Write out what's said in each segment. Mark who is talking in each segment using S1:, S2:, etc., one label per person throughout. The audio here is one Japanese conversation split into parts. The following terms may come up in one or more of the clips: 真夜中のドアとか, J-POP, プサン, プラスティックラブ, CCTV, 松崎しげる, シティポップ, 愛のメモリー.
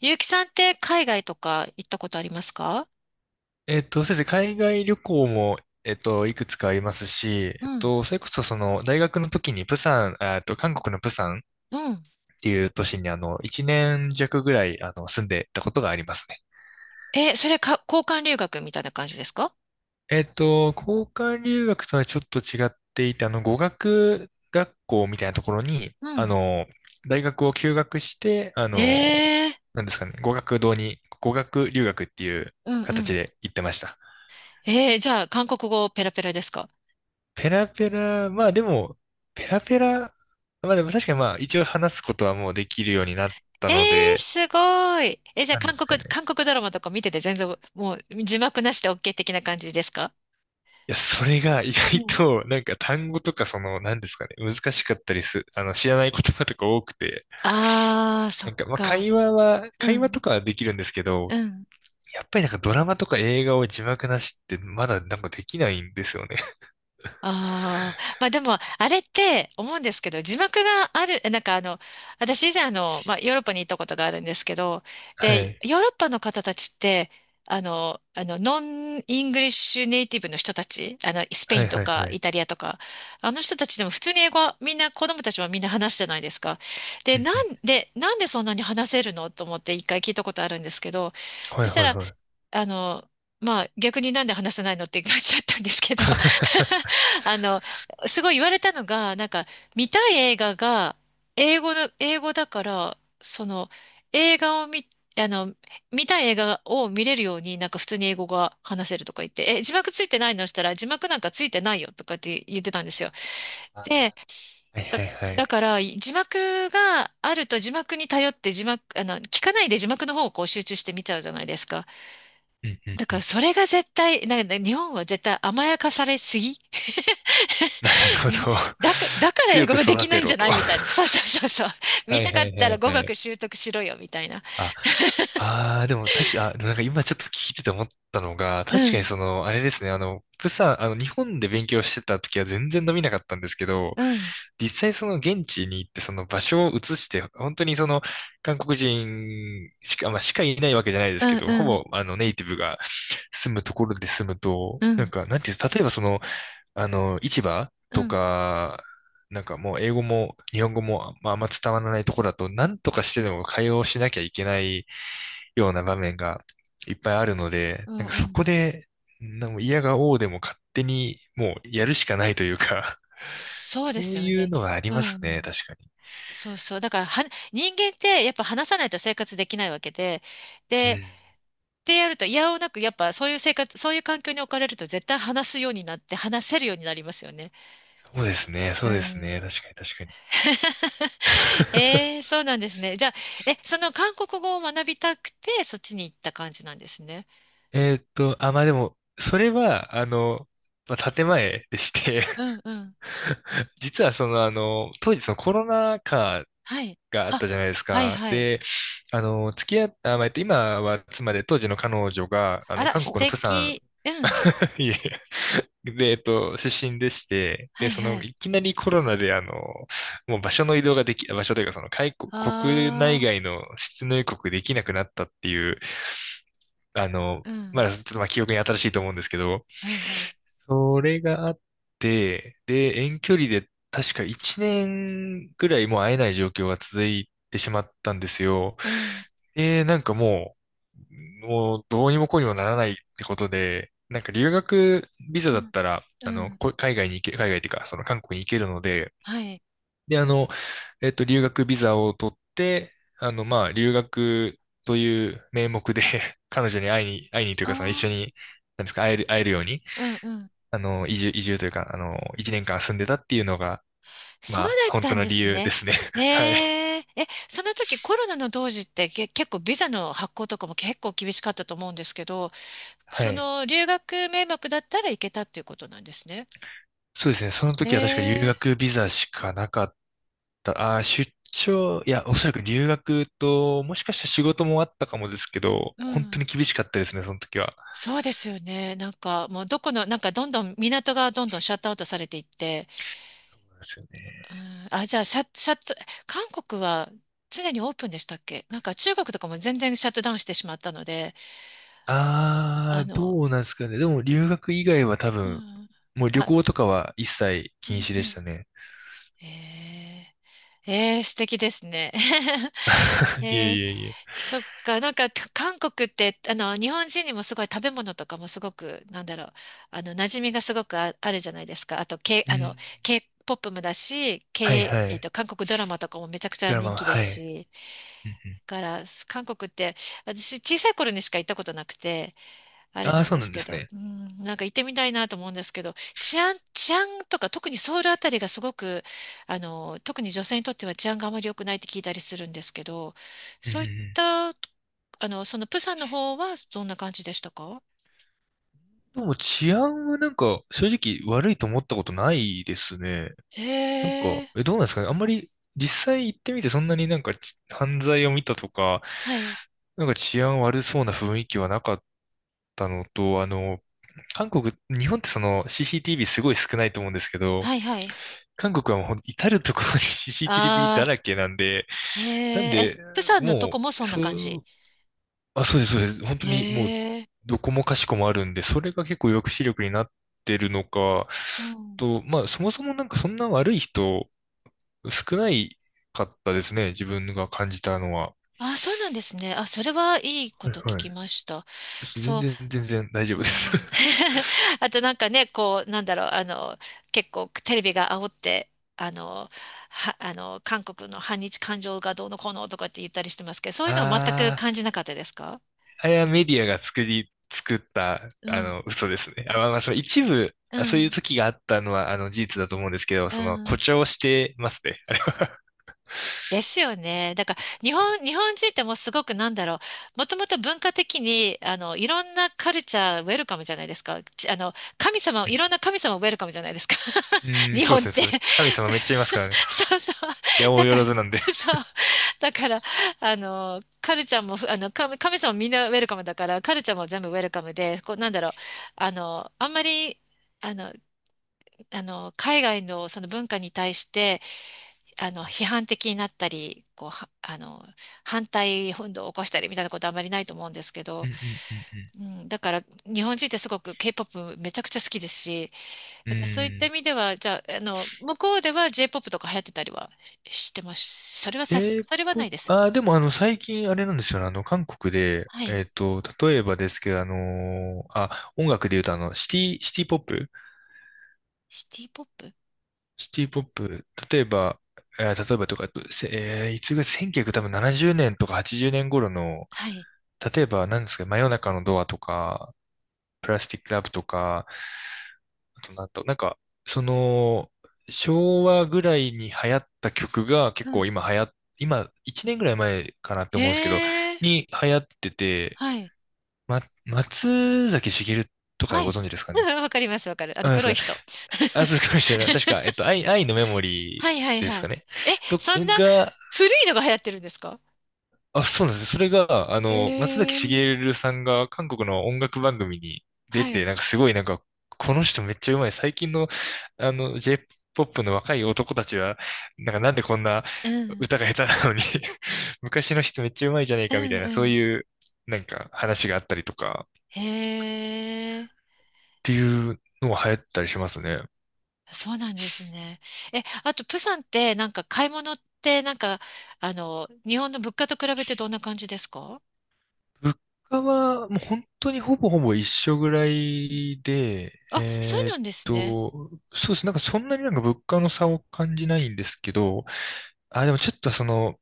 S1: ゆうきさんって海外とか行ったことありますか？
S2: 先生、海外旅行も、いくつかありますし、
S1: うん、
S2: それこそ、その、大学の時に、プサン、あえっと、韓国のプサンっ
S1: うん。
S2: ていう都市に、1年弱ぐらい、住んでたことがありますね。
S1: え、それか、交換留学みたいな感じですか？
S2: 交換留学とはちょっと違っていて、語学学校みたいなところに、
S1: うん、
S2: 大学を休学して、
S1: えー、
S2: なんですかね、語学堂に、語学留学っていう
S1: うん、う
S2: 形
S1: ん。
S2: で行ってました。
S1: えー、じゃあ、韓国語ペラペラですか？
S2: ペラペラ、まあでも、ペラペラ、まあでも確かにまあ一応話すことはもうできるようになった
S1: え
S2: の
S1: ー、
S2: で、
S1: すごい。え、じゃあ、
S2: なんで
S1: 韓
S2: すか
S1: 国、
S2: ね。
S1: 韓国ドラマとか見てて全然、もう、字幕なしで OK 的な感じですか？
S2: いや、それが 意
S1: う
S2: 外
S1: ん。
S2: と、なんか単語とかその、なんですかね、難しかったりす、あの、知らない言葉とか多くて、
S1: あー、そ
S2: な
S1: っ
S2: んかまあ
S1: か。
S2: 会話は、
S1: う
S2: 会話と
S1: ん、
S2: かはできるんですけ
S1: う
S2: ど、
S1: ん。
S2: やっぱりなんかドラマとか映画を字幕なしってまだなんかできないんですよね。
S1: ああ、まあでも、あれって思うんですけど、字幕がある、私以前、まあヨーロッパに行ったことがあるんですけど、
S2: は
S1: で、
S2: い。
S1: ヨーロッパの方たちって、あの、ノンイングリッシュネイティブの人たち、あの、スペ
S2: は
S1: イン
S2: い
S1: と
S2: はい
S1: か
S2: は
S1: イ
S2: い。
S1: タリアとか、あの人たちでも普通に英語はみんな、子供たちはみんな話すじゃないですか。で、
S2: うんうん。
S1: なんでそんなに話せるのと思って一回聞いたことあるんですけど、
S2: は
S1: そ
S2: い
S1: した
S2: はい
S1: ら、
S2: はい。
S1: あの、まあ逆になんで話せないのって感じだちゃったんですけど、 あの、すごい言われたのが、なんか、見たい映画が、英語だから、その、映画を見、あの、見たい映画を見れるように、なんか普通に英語が話せるとか言って、え、字幕ついてないのしたら、字幕なんかついてないよとかって言ってたんですよ。
S2: あ、
S1: で、
S2: はい
S1: だ、
S2: はいは
S1: だ
S2: い。
S1: から、字幕があると字幕に頼って字幕、あの、聞かないで字幕の方をこう集中して見ちゃうじゃないですか。
S2: うんうん
S1: だ
S2: う
S1: から、
S2: ん。
S1: それが絶対、なんか日本は絶対甘やかされすぎ。
S2: なるほど。
S1: だから英
S2: 強
S1: 語
S2: く
S1: がで
S2: 育
S1: きな
S2: て
S1: いんじ
S2: ろ
S1: ゃ
S2: と。
S1: ない
S2: は
S1: みたいな。そうそうそうそう。
S2: い
S1: 見
S2: はい
S1: たか
S2: は
S1: ったら
S2: い
S1: 語
S2: は
S1: 学
S2: い。
S1: 習得しろよ、みたいな。
S2: ああー、でも確か、あ、でもなんか今ちょっと聞いてて思ったのが、
S1: う
S2: 確かに
S1: ん、
S2: その、あれですね、あの、プサン、あの、日本で勉強してた時は全然伸びなかったんですけど、
S1: うん、
S2: 実際その現地に行ってその場所を移して、本当にその、韓国人しか、まあ、いないわけじゃないで
S1: う
S2: すけ
S1: ん、
S2: ど、
S1: う
S2: ほ
S1: ん、
S2: ぼ、ネイティブが住むところで住むと、
S1: う
S2: なん
S1: ん、
S2: か、なんていうんです、例えばその、市場
S1: う
S2: と
S1: ん、
S2: か、なんかもう英語も日本語も、まあ、あんま伝わらないところだと、なんとかしてでも会話をしなきゃいけないような場面がいっぱいあるので、
S1: う
S2: な
S1: ん、
S2: んか
S1: う
S2: そ
S1: ん。
S2: こで、なんか嫌が応でも勝手にもうやるしかないというか
S1: そうで
S2: そ
S1: す
S2: う
S1: よ
S2: いう
S1: ね。
S2: のがあり
S1: う
S2: ますね、
S1: ん。
S2: 確かに。
S1: そうそう。だからは、人間ってやっぱ話さないと生活できないわけで、
S2: う
S1: で、っ
S2: ん。
S1: てやると、いやおなく、やっぱそういう生活、そういう環境に置かれると絶対話すようになって、話せるようになりますよね。
S2: そうですね、
S1: う
S2: そうですね、
S1: ん。
S2: 確かに確かに。
S1: えーそうなんですね。じゃあ、え、その韓国語を学びたくて、そっちに行った感じなんですね。
S2: あ、まあでも、それは、まあ、建前でして。
S1: うん、うん。
S2: 実は当時そのコロナ禍
S1: はい。
S2: があっ
S1: あ、
S2: たじゃないです
S1: はい、
S2: か。
S1: はい。
S2: で、付き合った、まあ、今は妻で当時の彼女が、
S1: あら、
S2: 韓
S1: 素
S2: 国のプサン、
S1: 敵。うん。
S2: いえいえ、で、出身でして、
S1: は
S2: で、
S1: い、
S2: そ
S1: は
S2: の、
S1: い。
S2: いきなりコロナで、もう場所の移動ができ、場所というか、その、国
S1: あ
S2: 内
S1: あ、
S2: 外の出入国できなくなったっていう、あの、
S1: う
S2: ま
S1: ん。
S2: だちょっとまあ記憶に新しいと思うんですけど、
S1: うん、うん。
S2: それがあって、で、遠距離で確か1年ぐらいもう会えない状況が続いてしまったんですよ。
S1: うん。
S2: で、なんかう、もうどうにもこうにもならないってことで、なんか留学ビザ
S1: う
S2: だっ
S1: ん。
S2: たら、
S1: うん。
S2: 海外に行け、海外っていうか、その韓国に行けるので、
S1: はい。
S2: で、留学ビザを取って、まあ、留学という名目で 彼女に会いに、会いにというか、その一
S1: あ
S2: 緒
S1: あ、
S2: に、なんですか、会える、会えるように、
S1: うん、うん。
S2: 移住、移住というか、1年間住んでたっていうのが、
S1: そうだ
S2: まあ、
S1: っ
S2: 本
S1: た
S2: 当
S1: ん
S2: の
S1: で
S2: 理
S1: す
S2: 由で
S1: ね。
S2: すね。
S1: え
S2: はい。
S1: え、え、その時コロナの当時って結構ビザの発行とかも結構厳しかったと思うんですけど、
S2: は
S1: そ
S2: い。
S1: の留学名目だったら行けたっていうことなんですね。
S2: そうですね。その
S1: え
S2: 時は確か留
S1: え、
S2: 学ビザしかなかった。あー、出張、いや、おそらく留学と、もしかしたら仕事もあったかもですけど、
S1: う
S2: 本当
S1: ん。
S2: に厳しかったですね、その時は。
S1: そうですよね。なんかもうどこの、なんかどんどん港がどんどんシャットアウトされていって、
S2: そうなんですよね。
S1: うん、あ、じゃあシャッ、シャット、韓国は常にオープンでしたっけ？なんか中国とかも全然シャットダウンしてしまったので、あ
S2: あー、
S1: の、
S2: どうなんですかね。でも留学以外は多
S1: う
S2: 分、
S1: ん、
S2: もう旅
S1: あ、
S2: 行とかは一切
S1: う
S2: 禁
S1: ん、
S2: 止で
S1: う
S2: した
S1: ん。
S2: ね。
S1: ええ、ええ、素敵ですね。
S2: いえ
S1: え
S2: い
S1: え、
S2: えいえ。
S1: そっか、なんか韓国って、あの、日本人にもすごい食べ物とかもすごく、なんだろう、あの、馴染みがすごくあ、あるじゃないですか。あと、K、
S2: う
S1: あの、
S2: ん。
S1: K-POP もだし、
S2: はい
S1: K、
S2: は
S1: えっ
S2: い。
S1: と、韓国ドラマとかもめちゃくちゃ
S2: ドラマ
S1: 人
S2: は、
S1: 気です
S2: はい。
S1: し、
S2: うんうん、
S1: だから、韓国って、私、小さい頃にしか行ったことなくて、あれ
S2: ああ、
S1: なん
S2: そう
S1: で
S2: な
S1: す
S2: んで
S1: け
S2: す
S1: ど、
S2: ね。
S1: うん、なんか行ってみたいなと思うんですけど、治安とか特にソウルあたりがすごく、あの、特に女性にとっては治安があまり良くないって聞いたりするんですけど、
S2: うんう
S1: そ
S2: ん
S1: う
S2: う
S1: いっ
S2: ん。
S1: た、あの、そのプサンの方はどんな感じでしたか？
S2: でも治安はなんか正直悪いと思ったことないですね。なん
S1: へ
S2: か、
S1: え、
S2: え、どうなんですかね。あんまり実際行ってみてそんなになんか犯罪を見たとか、
S1: はい、
S2: なんか治安悪そうな雰囲気はなかったのと、韓国、日本ってその CCTV すごい少ないと思うんですけど、
S1: はい、はい。
S2: 韓国はもう至るところに CCTV だら
S1: あ
S2: けなんで、
S1: あ、へ
S2: なん
S1: え、
S2: で、
S1: え、プサンのとこ
S2: も
S1: も
S2: う、
S1: そんな感じ。
S2: そうです、そうです。本当
S1: へ
S2: にもう、
S1: え、
S2: どこもかしこもあるんで、それが結構抑止力になってるのか、
S1: うん。
S2: と、まあ、そもそもなんかそんな悪い人、少ないかったですね。自分が感じたのは。
S1: ああ、そうなんですね。あ、それはいいこ
S2: はい
S1: と聞
S2: はい。
S1: きました。
S2: 全
S1: そう。
S2: 然、全然大
S1: う
S2: 丈夫です。
S1: ん、 あとなんかね、こう、なんだろう、あの、結構テレビが煽って、あの、あの、韓国の反日感情がどうのこうのとかって言ったりしてますけど、そういうのは全く
S2: あー、
S1: 感じなかったですか？
S2: あれはメディアが作った、
S1: うん、
S2: 嘘ですね。あ、まあその一部、
S1: う
S2: そういう
S1: ん、
S2: 時があったのは、事実だと思うんですけど、
S1: う
S2: その、
S1: ん。
S2: 誇張してますね。あれは。
S1: ですよね。だか ら、
S2: ですね。
S1: 日本人ってもうすごくなんだろう。もともと文化的に、あの、いろんなカルチャーウェルカムじゃないですか。ち、あの、神様、いろ
S2: う
S1: んな神様ウェルカムじゃないですか。
S2: ん、うん、
S1: 日
S2: そう
S1: 本
S2: で
S1: っ
S2: すね。
S1: て。
S2: そう神様めっちゃいますからね。
S1: そうそう。
S2: やお
S1: だ
S2: うよ
S1: か
S2: ら
S1: ら、
S2: ずなんで。
S1: そう。だから、あの、カルチャーも、あの、神様みんなウェルカムだから、カルチャーも全部ウェルカムで、こう、なんだろう。あの、あんまり、あの、海外のその文化に対して、あの批判的になったりこうはあの反対運動を起こしたりみたいなことはあまりないと思うんですけ
S2: う
S1: ど、
S2: んうん
S1: うん、だから日本人ってすごく K-POP めちゃくちゃ好きですし、
S2: うん
S1: だ
S2: うん。
S1: からそういっ
S2: う
S1: た意
S2: ん。
S1: 味ではじゃあ、あの向こうでは J-POP とか流行ってたりはし、してます？それはさす、それはない
S2: J-POP、
S1: です。
S2: でもあの、最近あれなんですよね。韓国で、
S1: はい。
S2: 例えばですけど、音楽で言うとシティポップ
S1: シティ・ポップ。
S2: シティポップ、例えば、例えばとか、せえーいつぐらい、1 9 0多分70年とか80年頃の、
S1: はい。
S2: 例えば、何ですか、真夜中のドアとか、プラスティックラブとか、あとなんか、その、昭和ぐらいに流行った曲が
S1: う
S2: 結構
S1: ん。
S2: 今流行っ、今、1年ぐらい前かなって
S1: へ
S2: 思うんですけど、
S1: え。
S2: に流行ってて、
S1: はい。
S2: 松崎しげるとか
S1: はい。
S2: ご存知です か
S1: う
S2: ね。
S1: ん、わかります、わかる。あの
S2: あ、で
S1: 黒い
S2: すか。
S1: 人。
S2: あ、そう かもしれない。確か、愛のメモ
S1: は
S2: リ
S1: い、は
S2: ー
S1: い、
S2: です
S1: は
S2: か
S1: い。
S2: ね
S1: え、
S2: と、
S1: そんな
S2: が、
S1: 古いのが流行ってるんですか？
S2: あ、そうなんですね。それが、
S1: へ
S2: 松崎し
S1: え、
S2: げるさんが韓国の音楽番組に出
S1: は
S2: て、
S1: い。
S2: なんかすごいこの人めっちゃうまい。最近の、J-POP の若い男たちは、なんかなんでこんな
S1: うん、
S2: 歌が下手なのに 昔の人めっちゃうまいじゃねえ
S1: う
S2: かみた
S1: ん、
S2: いな、
S1: う
S2: そう
S1: ん。
S2: いう、なんか話があったりとか、っ
S1: へえ、
S2: ていうのも流行ったりしますね。
S1: そうなんですね。え、あと、プサンって、なんか買い物って、なんか、あの、日本の物価と比べてどんな感じですか？
S2: 物価はもう本当にほぼほぼ一緒ぐらいで、
S1: あ、そうなんですね。
S2: と、そうです。なんかそんなになんか物価の差を感じないんですけど、あ、でもちょっとその、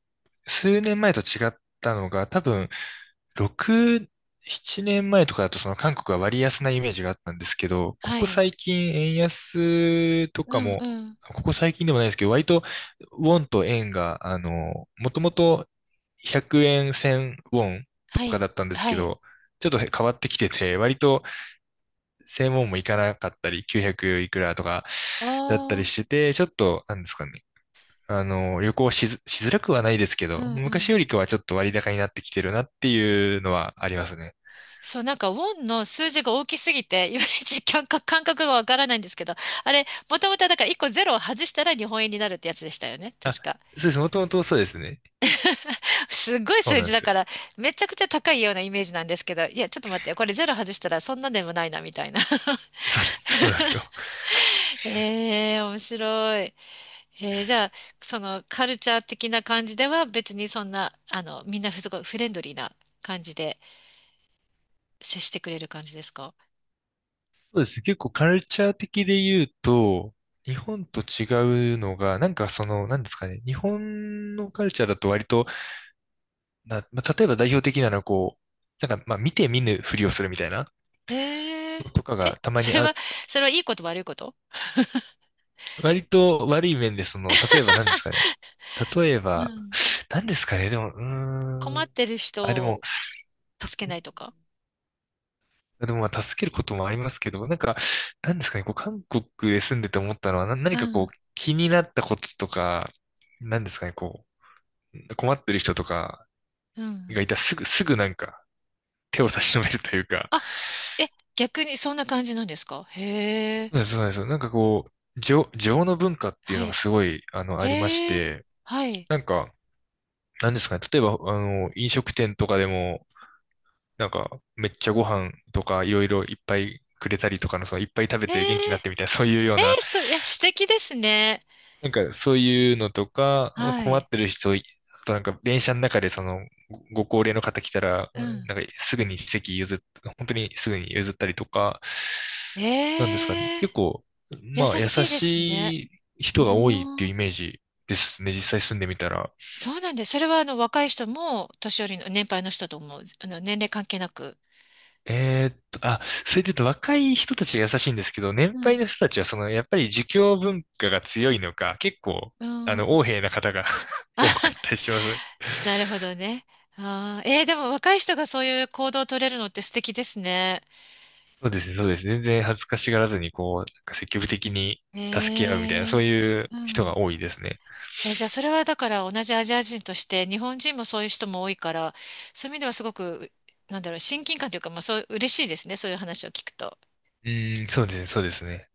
S2: 数年前と違ったのが、多分、6、7年前とかだとその韓国は割安なイメージがあったんですけど、こ
S1: は
S2: こ
S1: い。
S2: 最近円安と
S1: う
S2: か
S1: ん、う
S2: も、
S1: ん。
S2: ここ最近でもないですけど、割とウォンと円が、もともと100円1000ウォンと
S1: は
S2: か
S1: い。
S2: だったんです
S1: は
S2: け
S1: い。
S2: ど、ちょっと変わってきてて、割と1000ウォンもいかなかったり、900いくらとかだった
S1: あ
S2: り
S1: あ、
S2: してて、ちょっと、なんですかね。旅行しず、しづらくはないですけ
S1: う
S2: ど、
S1: ん、う
S2: 昔
S1: ん。
S2: よりかはちょっと割高になってきてるなっていうのはありますね。
S1: そう、なんか、ウォンの数字が大きすぎて、いまいち感覚がわからないんですけど、あれ、もともとだから1個ゼロを外したら日本円になるってやつでしたよね。
S2: あ、
S1: 確か。
S2: そうです。もともとそうですね。
S1: すっごい
S2: そう
S1: 数
S2: な
S1: 字
S2: んで
S1: だ
S2: すよ。
S1: から、めちゃくちゃ高いようなイメージなんですけど、いや、ちょっと待ってよ、これゼロ外したらそんなでもないな、みたいな。
S2: そうです。そうなんですよ。
S1: えー、面白い。えー、じゃあ、そのカルチャー的な感じでは別にそんな、あの、みんなすごいフレンドリーな感じで接してくれる感じですか？
S2: そうですね。結構カルチャー的で言うと、日本と違うのが、なんかその、なんですかね。日本のカルチャーだと割と、まあ、例えば代表的なのはこう、なんかまあ見て見ぬふりをするみたいな
S1: えー、
S2: のとか
S1: え、
S2: がたま
S1: そ
S2: に
S1: れ
S2: あ、
S1: は、それはいいこと悪いこと？
S2: 割と悪い面でその、例えばなんですかね。例え
S1: う
S2: ば、
S1: ん。
S2: なんですかね。でも、うー
S1: 困っ
S2: ん。
S1: てる
S2: あ、で
S1: 人
S2: も、
S1: を助けないとか？
S2: でもまあ助けることもありますけど、なんか、なんですかね、こう韓国で住んでて思ったのは、何
S1: う
S2: かこ
S1: ん、
S2: う気になったこととか、なんですかね、こう困ってる人とか
S1: うん。
S2: がいたらすぐなんか手を差し伸べるというか、
S1: あ、すえ、逆にそんな感じなんですか？へ
S2: そう
S1: え、
S2: なんです、そうなんですよ。なんかこう、情の文化っていう
S1: は
S2: のが
S1: い。
S2: すごい、ありまし
S1: へえ、
S2: て、
S1: はい。
S2: なんか、なんですかね、例えば、飲食店とかでも、なんか、めっちゃご飯とかいろいろいっぱいくれたりとかの、そのいっぱい食べ
S1: え
S2: て元気にな
S1: ー、
S2: ってみたいな、そういうよう
S1: え
S2: な、
S1: ー、そ、え、素敵ですね。
S2: なんかそういうのとか、
S1: は
S2: 困っ
S1: い。
S2: てる人い、あとなんか電車の中でご高齢の方来たら、
S1: うん。
S2: なんかすぐに席譲っ、本当にすぐに譲ったりとか、なんですかね。
S1: ええ、
S2: 結構、
S1: 優
S2: まあ優
S1: しいですね。
S2: しい人が多いって
S1: お
S2: いう
S1: ー、
S2: イメージですね。実際住んでみたら。
S1: そうなんです。それはあの若い人も年寄りの年配の人ともあの年齢関係なく。
S2: あ、それで言うと若い人たちが優しいんですけど、年
S1: う
S2: 配
S1: ん。
S2: の人たちはその、やっぱり儒教文化が強いのか、結構、
S1: うん。
S2: 横柄な方が 多かったりします。
S1: なるほどね。あー、えー、でも若い人がそういう行動を取れるのって素敵ですね。
S2: そうですね、そうです。全然恥ずかしがらずに、こう、なんか積極的に助け合うみたいな、
S1: え
S2: そう
S1: え、
S2: いう
S1: う
S2: 人
S1: ん。
S2: が多いですね。
S1: え、じゃあそれはだから同じアジア人として日本人もそういう人も多いからそういう意味ではすごくなんだろう親近感というか、まあ、そう嬉しいですねそういう話を聞くと。
S2: うーん、そうですね、そうですね。